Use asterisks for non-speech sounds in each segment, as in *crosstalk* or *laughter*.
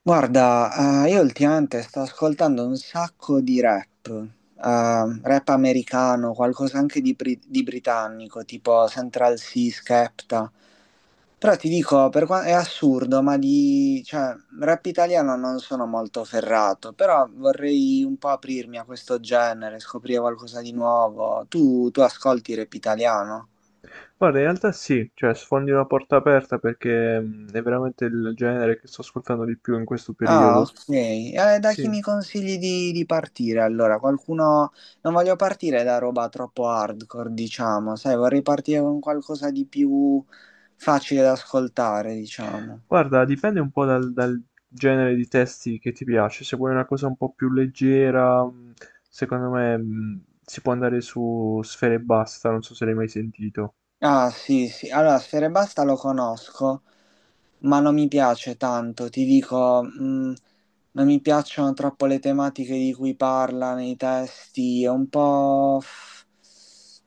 Guarda, io ultimamente sto ascoltando un sacco di rap, rap americano, qualcosa anche di britannico, tipo Central C, Skepta. Però ti dico, è assurdo, ma cioè, rap italiano non sono molto ferrato, però vorrei un po' aprirmi a questo genere, scoprire qualcosa di nuovo. Tu ascolti rap italiano? Guarda, in realtà sì, cioè sfondi una porta aperta perché è veramente il genere che sto ascoltando di più in questo Ah, periodo. ok. Da chi Sì, mi consigli di partire? Allora, qualcuno. Non voglio partire da roba troppo hardcore, diciamo, sai, vorrei partire con qualcosa di più facile da ascoltare, diciamo. guarda, dipende un po' dal genere di testi che ti piace. Se vuoi una cosa un po' più leggera, secondo me si può andare su Sfera e Basta, non so se l'hai mai sentito. Ah, sì, sì. Allora, Sfera Basta lo conosco, ma non mi piace tanto. Ti dico, non mi piacciono troppo le tematiche di cui parla nei testi. È un po',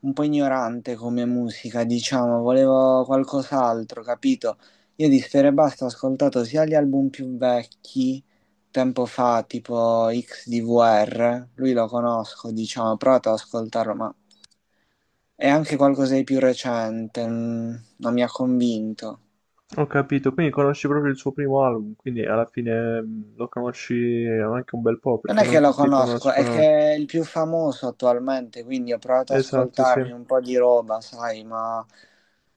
un po' ignorante come musica, diciamo. Volevo qualcos'altro, capito? Io di Sfera Basta ho ascoltato sia gli album più vecchi, tempo fa, tipo XDVR. Lui lo conosco, diciamo, ho provato ad ascoltarlo, ma. È anche qualcosa di più recente, non mi ha convinto. Ho capito, quindi conosci proprio il suo primo album, quindi alla fine lo conosci anche un bel po' Non perché è che non lo tutti conosco, è conoscono. che è il più famoso attualmente, quindi ho provato ad Esatto, sì. ascoltarmi un po' di roba, sai, ma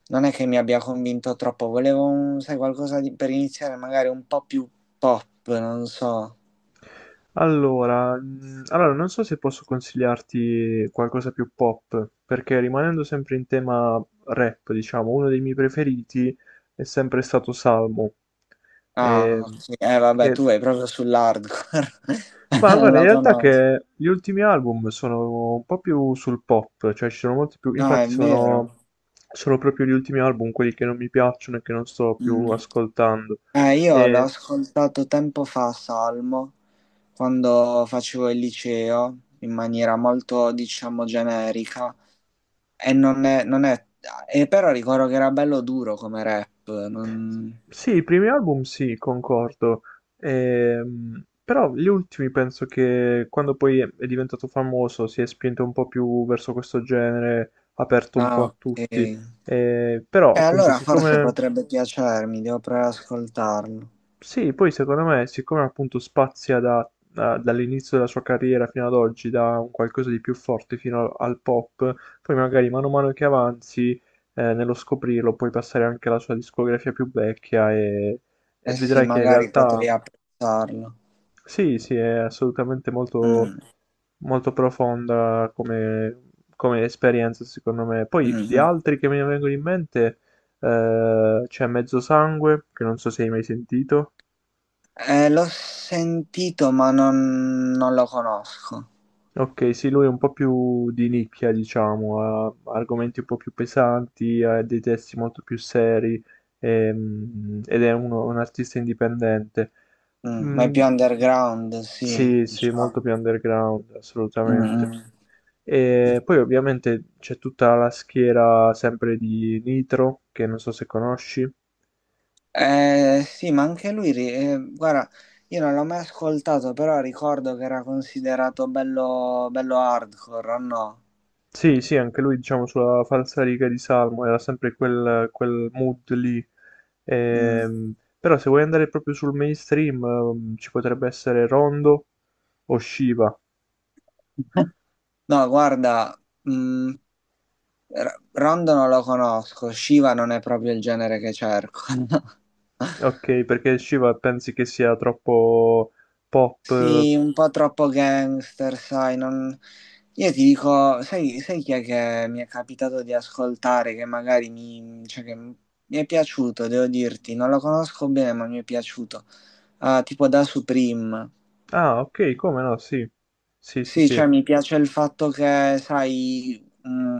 non è che mi abbia convinto troppo. Volevo, sai, qualcosa per iniziare magari un po' più pop, non so. Allora, non so se posso consigliarti qualcosa più pop, perché rimanendo sempre in tema rap, diciamo, uno dei miei preferiti è sempre stato Salmo. Ah, Ehm, ok. Vabbè, che- tu vai proprio sull'hardcore. Ma *laughs* guarda, in Lo realtà conosco. che gli ultimi album sono un po' più sul pop, cioè ci sono molti più, Ah, è infatti sono, vero. sono proprio gli ultimi album quelli che non mi piacciono e che non sto più Mm. ascoltando. Io l'ho ascoltato tempo fa, Salmo, quando facevo il liceo in maniera molto, diciamo, generica e non è, non è- e però ricordo che era bello duro come rap, non. Sì, i primi album sì, concordo. Però gli ultimi penso che quando poi è diventato famoso si è spinto un po' più verso questo genere, aperto un po' Ah, a ok. tutti. Però E appunto, allora forse siccome potrebbe piacermi, devo provare ad ascoltarlo. sì, poi secondo me, siccome appunto spazia dall'inizio della sua carriera fino ad oggi, da un qualcosa di più forte fino al pop, poi magari mano a mano che avanzi, nello scoprirlo, puoi passare anche alla sua discografia più vecchia e Eh sì, vedrai che in magari realtà potrei apprezzarlo. sì, sì, è assolutamente molto, Mm, molto profonda come, come esperienza, secondo me. Poi mm, di mm. altri che mi vengono in mente, c'è Mezzo Sangue, che non so se hai mai sentito. L'ho sentito, ma non lo conosco. Ok, sì, lui è un po' più di nicchia, diciamo, ha argomenti un po' più pesanti, ha dei testi molto più seri ed è un artista indipendente. Ma è Mm, più underground, sì, sì, sì, molto diciamo. più underground, Mm, assolutamente. mm. E poi ovviamente c'è tutta la schiera sempre di Nitro, che non so se conosci. Sì, ma anche lui, guarda, io non l'ho mai ascoltato, però ricordo che era considerato bello, bello hardcore, o no? Sì, sì, anche lui, diciamo, sulla falsariga di Salmo, era sempre quel mood lì. Mm. Ehm, però se vuoi andare proprio sul mainstream, ci potrebbe essere Rondo o Shiva. *laughs* No, guarda, mm, Rondo non lo conosco, Shiva non è proprio il genere che cerco. *laughs* Ok, perché Shiva pensi che sia troppo pop? Eh? Sì, un po' troppo gangster, sai, non. Io ti dico, sai chi è che mi è capitato di ascoltare, che magari mi, cioè che mi è piaciuto, devo dirti, non lo conosco bene, ma mi è piaciuto. Ah, tipo da Supreme. Ah, ok, come no, sì. Sì, sì, Sì, sì. cioè mi piace il fatto che, sai,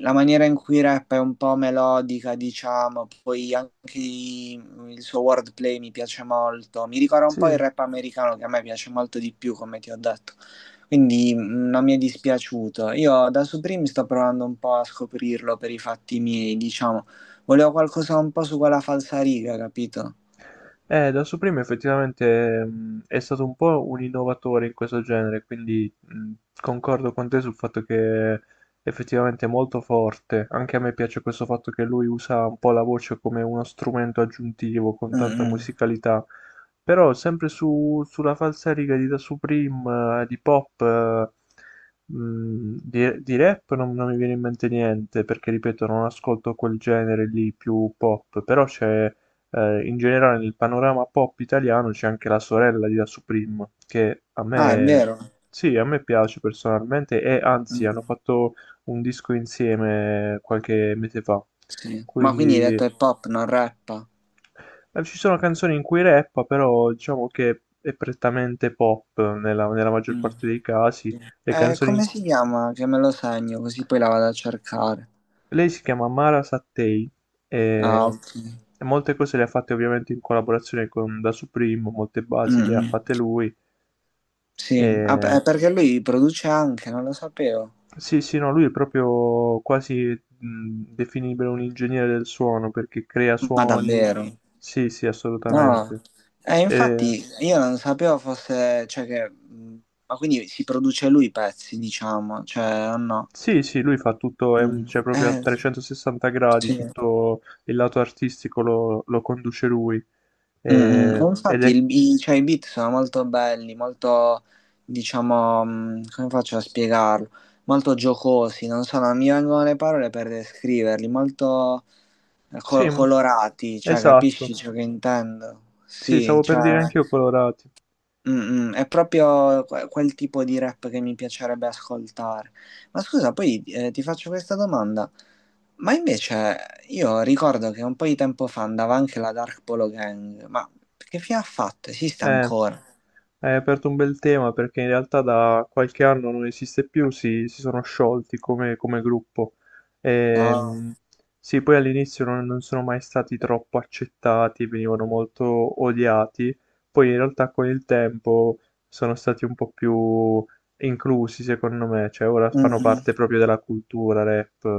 la maniera in cui rap è un po' melodica, diciamo, poi anche il suo wordplay mi piace molto. Mi ricorda un po' Sì. il rap americano che a me piace molto di più, come ti ho detto. Quindi non mi è dispiaciuto. Io da Supreme sto provando un po' a scoprirlo per i fatti miei, diciamo. Volevo qualcosa un po' su quella falsariga, capito? Da Supreme effettivamente è stato un po' un innovatore in questo genere, quindi concordo con te sul fatto che effettivamente è molto forte. Anche a me piace questo fatto che lui usa un po' la voce come uno strumento aggiuntivo con Mm, tanta mm. musicalità. Però sempre sulla falsariga di Da Supreme, di pop, di rap non, non mi viene in mente niente, perché ripeto, non ascolto quel genere lì più pop, però c'è in generale nel panorama pop italiano c'è anche la sorella di La Supreme, che a Ah, è me, vero. sì, a me piace personalmente e anzi hanno Mm, fatto un disco insieme qualche mese fa. sì. Ma quindi hai detto Quindi hip hop, non rap? Ci sono canzoni in cui rappa, però diciamo che è prettamente pop nella maggior parte dei casi. Le canzoni in- Come si chiama? Che me lo segno, così poi la vado a cercare. Lei si chiama Mara Sattei Ah, e ok. e molte cose le ha fatte ovviamente in collaborazione con Da Supreme, molte Mm, basi le ha fatte mm. lui. E... Sì, ah, beh, perché lui produce anche, non lo sapevo. Sì, sì, no, lui è proprio quasi definibile un ingegnere del suono perché crea Ma suoni. davvero? Sì, sì, No. assolutamente. E... Infatti io non sapevo fosse, cioè che. Ma quindi si produce lui i pezzi, diciamo, cioè, o no? Sì, sì, lui fa tutto, è Mm. cioè proprio a 360 gradi, Sì. tutto il lato artistico lo, lo conduce lui. Mm, mm. Oh, Ed infatti. è Mm. Cioè, i beat sono molto belli, molto, diciamo, come faccio a spiegarlo? Molto giocosi, non so, non mi vengono le parole per descriverli, molto Sì, colorati, cioè, esatto. capisci ciò che intendo? Sì, Sì, stavo per dire cioè, anch'io colorati. È proprio quel tipo di rap che mi piacerebbe ascoltare. Ma scusa, poi ti faccio questa domanda. Ma invece io ricordo che un po' di tempo fa andava anche la Dark Polo Gang, ma che fine ha fatto? Esiste Eh, ancora? hai aperto un bel tema perché in realtà da qualche anno non esiste più, si sono sciolti come, come gruppo. No. Ehm, sì, poi all'inizio non, non sono mai stati troppo accettati, venivano molto odiati. Poi in realtà con il tempo sono stati un po' più inclusi, secondo me. Cioè, ora Mm, fanno mm. parte proprio della cultura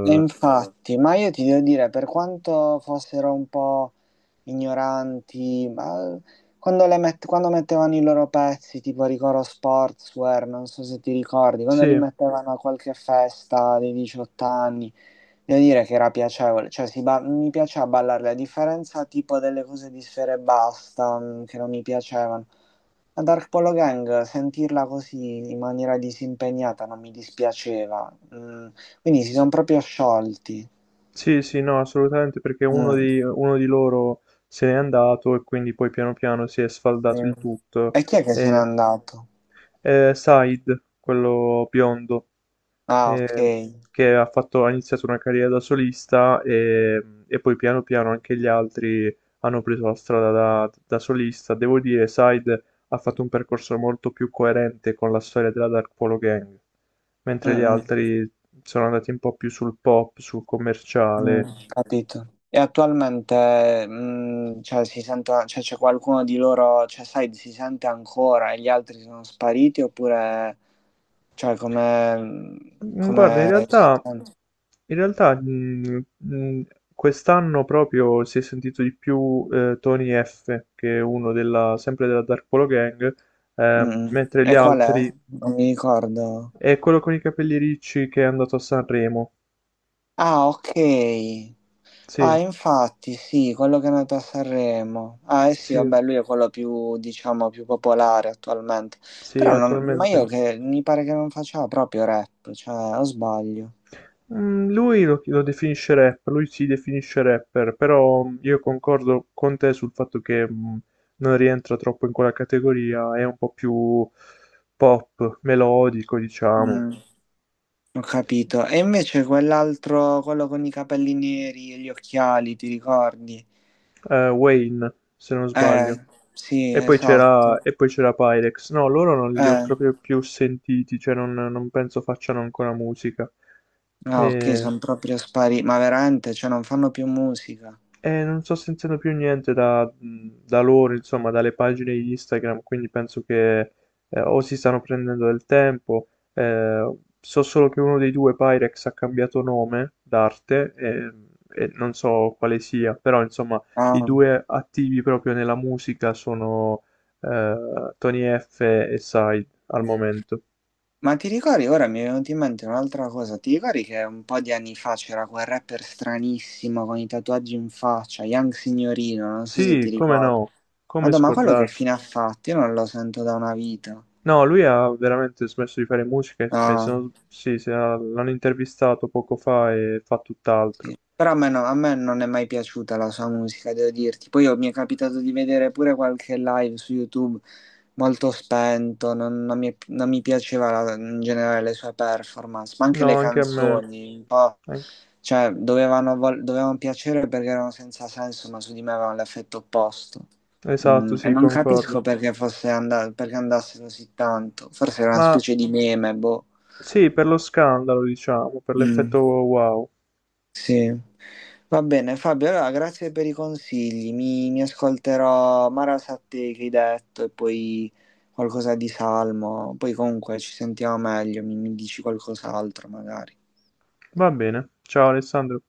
E infatti, ma io ti devo dire, per quanto fossero un po' ignoranti, ma quando mettevano i loro pezzi, tipo Ricoro Sportswear, non so se ti ricordi, quando li Sì. mettevano a qualche festa dei 18 anni, devo dire che era piacevole, cioè mi piaceva ballarle, a differenza tipo delle cose di Sfera e Basta, che non mi piacevano. La Dark Polo Gang, sentirla così in maniera disimpegnata non mi dispiaceva. Quindi si sono proprio sciolti. Sì, sì, no, assolutamente, perché uno Mm, di, uno di loro se n'è andato e quindi poi piano piano si è sfaldato mm. il tutto. E chi è che se n'è E, andato? e Said, quello biondo, Ah, ok. eh, che ha fatto, ha iniziato una carriera da solista e poi piano piano anche gli altri hanno preso la strada da solista. Devo dire, Said ha fatto un percorso molto più coerente con la storia della Dark Polo Gang, Mm, mentre gli mm, altri sono andati un po' più sul pop, sul commerciale. Capito. E attualmente, cioè, si sente, cioè, c'è qualcuno di loro, cioè, sai, si sente ancora e gli altri sono spariti oppure, cioè, come, Mhmm, guarda, come si sente? in realtà, mhmm, mhmm, quest'anno proprio si è sentito di più, Tony F, che è uno della sempre della Dark Polo Gang, Mm. Mm. mentre gli E qual è? altri Non mi ricordo. è quello con i capelli ricci che è andato a Sanremo. Ah, ok. Sì, Ah, infatti, sì, quello che è nato a Sanremo. Ah, eh sì, sì, vabbè, lui è quello più, diciamo, più popolare attualmente. sì, Però, ma io attualmente che mi pare che non faccia proprio rap, cioè, o sbaglio. Mm, Lui lo, lo definisce rapper, lui si definisce rapper, però io concordo con te sul fatto che non rientra troppo in quella categoria, è un po' più pop, melodico, diciamo. Mm, Ho capito. E invece quell'altro, quello con i capelli neri e gli occhiali, ti ricordi? Wayne, se non sbaglio. Eh, sì, E poi esatto. c'era e poi c'era Pyrex. No, loro non li ho Eh, proprio più sentiti, cioè non, non penso facciano ancora musica. ah, ok, Eh, sono proprio spariti. Ma veramente, cioè, non fanno più musica. E non sto sentendo più niente da loro, insomma, dalle pagine di Instagram, quindi penso che o si stanno prendendo del tempo. Eh, so solo che uno dei due Pyrex ha cambiato nome d'arte e non so quale sia, però insomma, i Ah, due attivi proprio nella musica sono Tony F e Side al eh. momento. Ma ti ricordi, ora mi è venuta in mente un'altra cosa, ti ricordi che un po' di anni fa c'era quel rapper stranissimo con i tatuaggi in faccia, Young Signorino, non so se ti Sì, come ricordi. no, come Madonna, ma quello che scordarsi. fine ha fatto? Io non lo sento da una vita. No, lui ha veramente smesso di fare musica, e se No. non- sì, se ha- l'hanno intervistato poco fa e fa tutt'altro. Sì. Però a me non è mai piaciuta la sua musica, devo dirti. Poi mi è capitato di vedere pure qualche live su YouTube molto spento, non mi piaceva in generale le sue performance, ma anche le No, anche a me. canzoni, un po', Anche- cioè dovevano piacere perché erano senza senso, ma su di me avevano l'effetto opposto. Esatto, E sì, non concordo. capisco perché andasse così tanto, forse era una Ma specie di meme, boh. sì, per lo scandalo, diciamo, per Mm, l'effetto wow. sì. Va bene, Fabio, allora grazie per i consigli. Mi ascolterò Marasatti che hai detto e poi qualcosa di Salmo. Poi comunque ci sentiamo meglio, mi dici qualcos'altro magari. Va bene. Ciao Alessandro.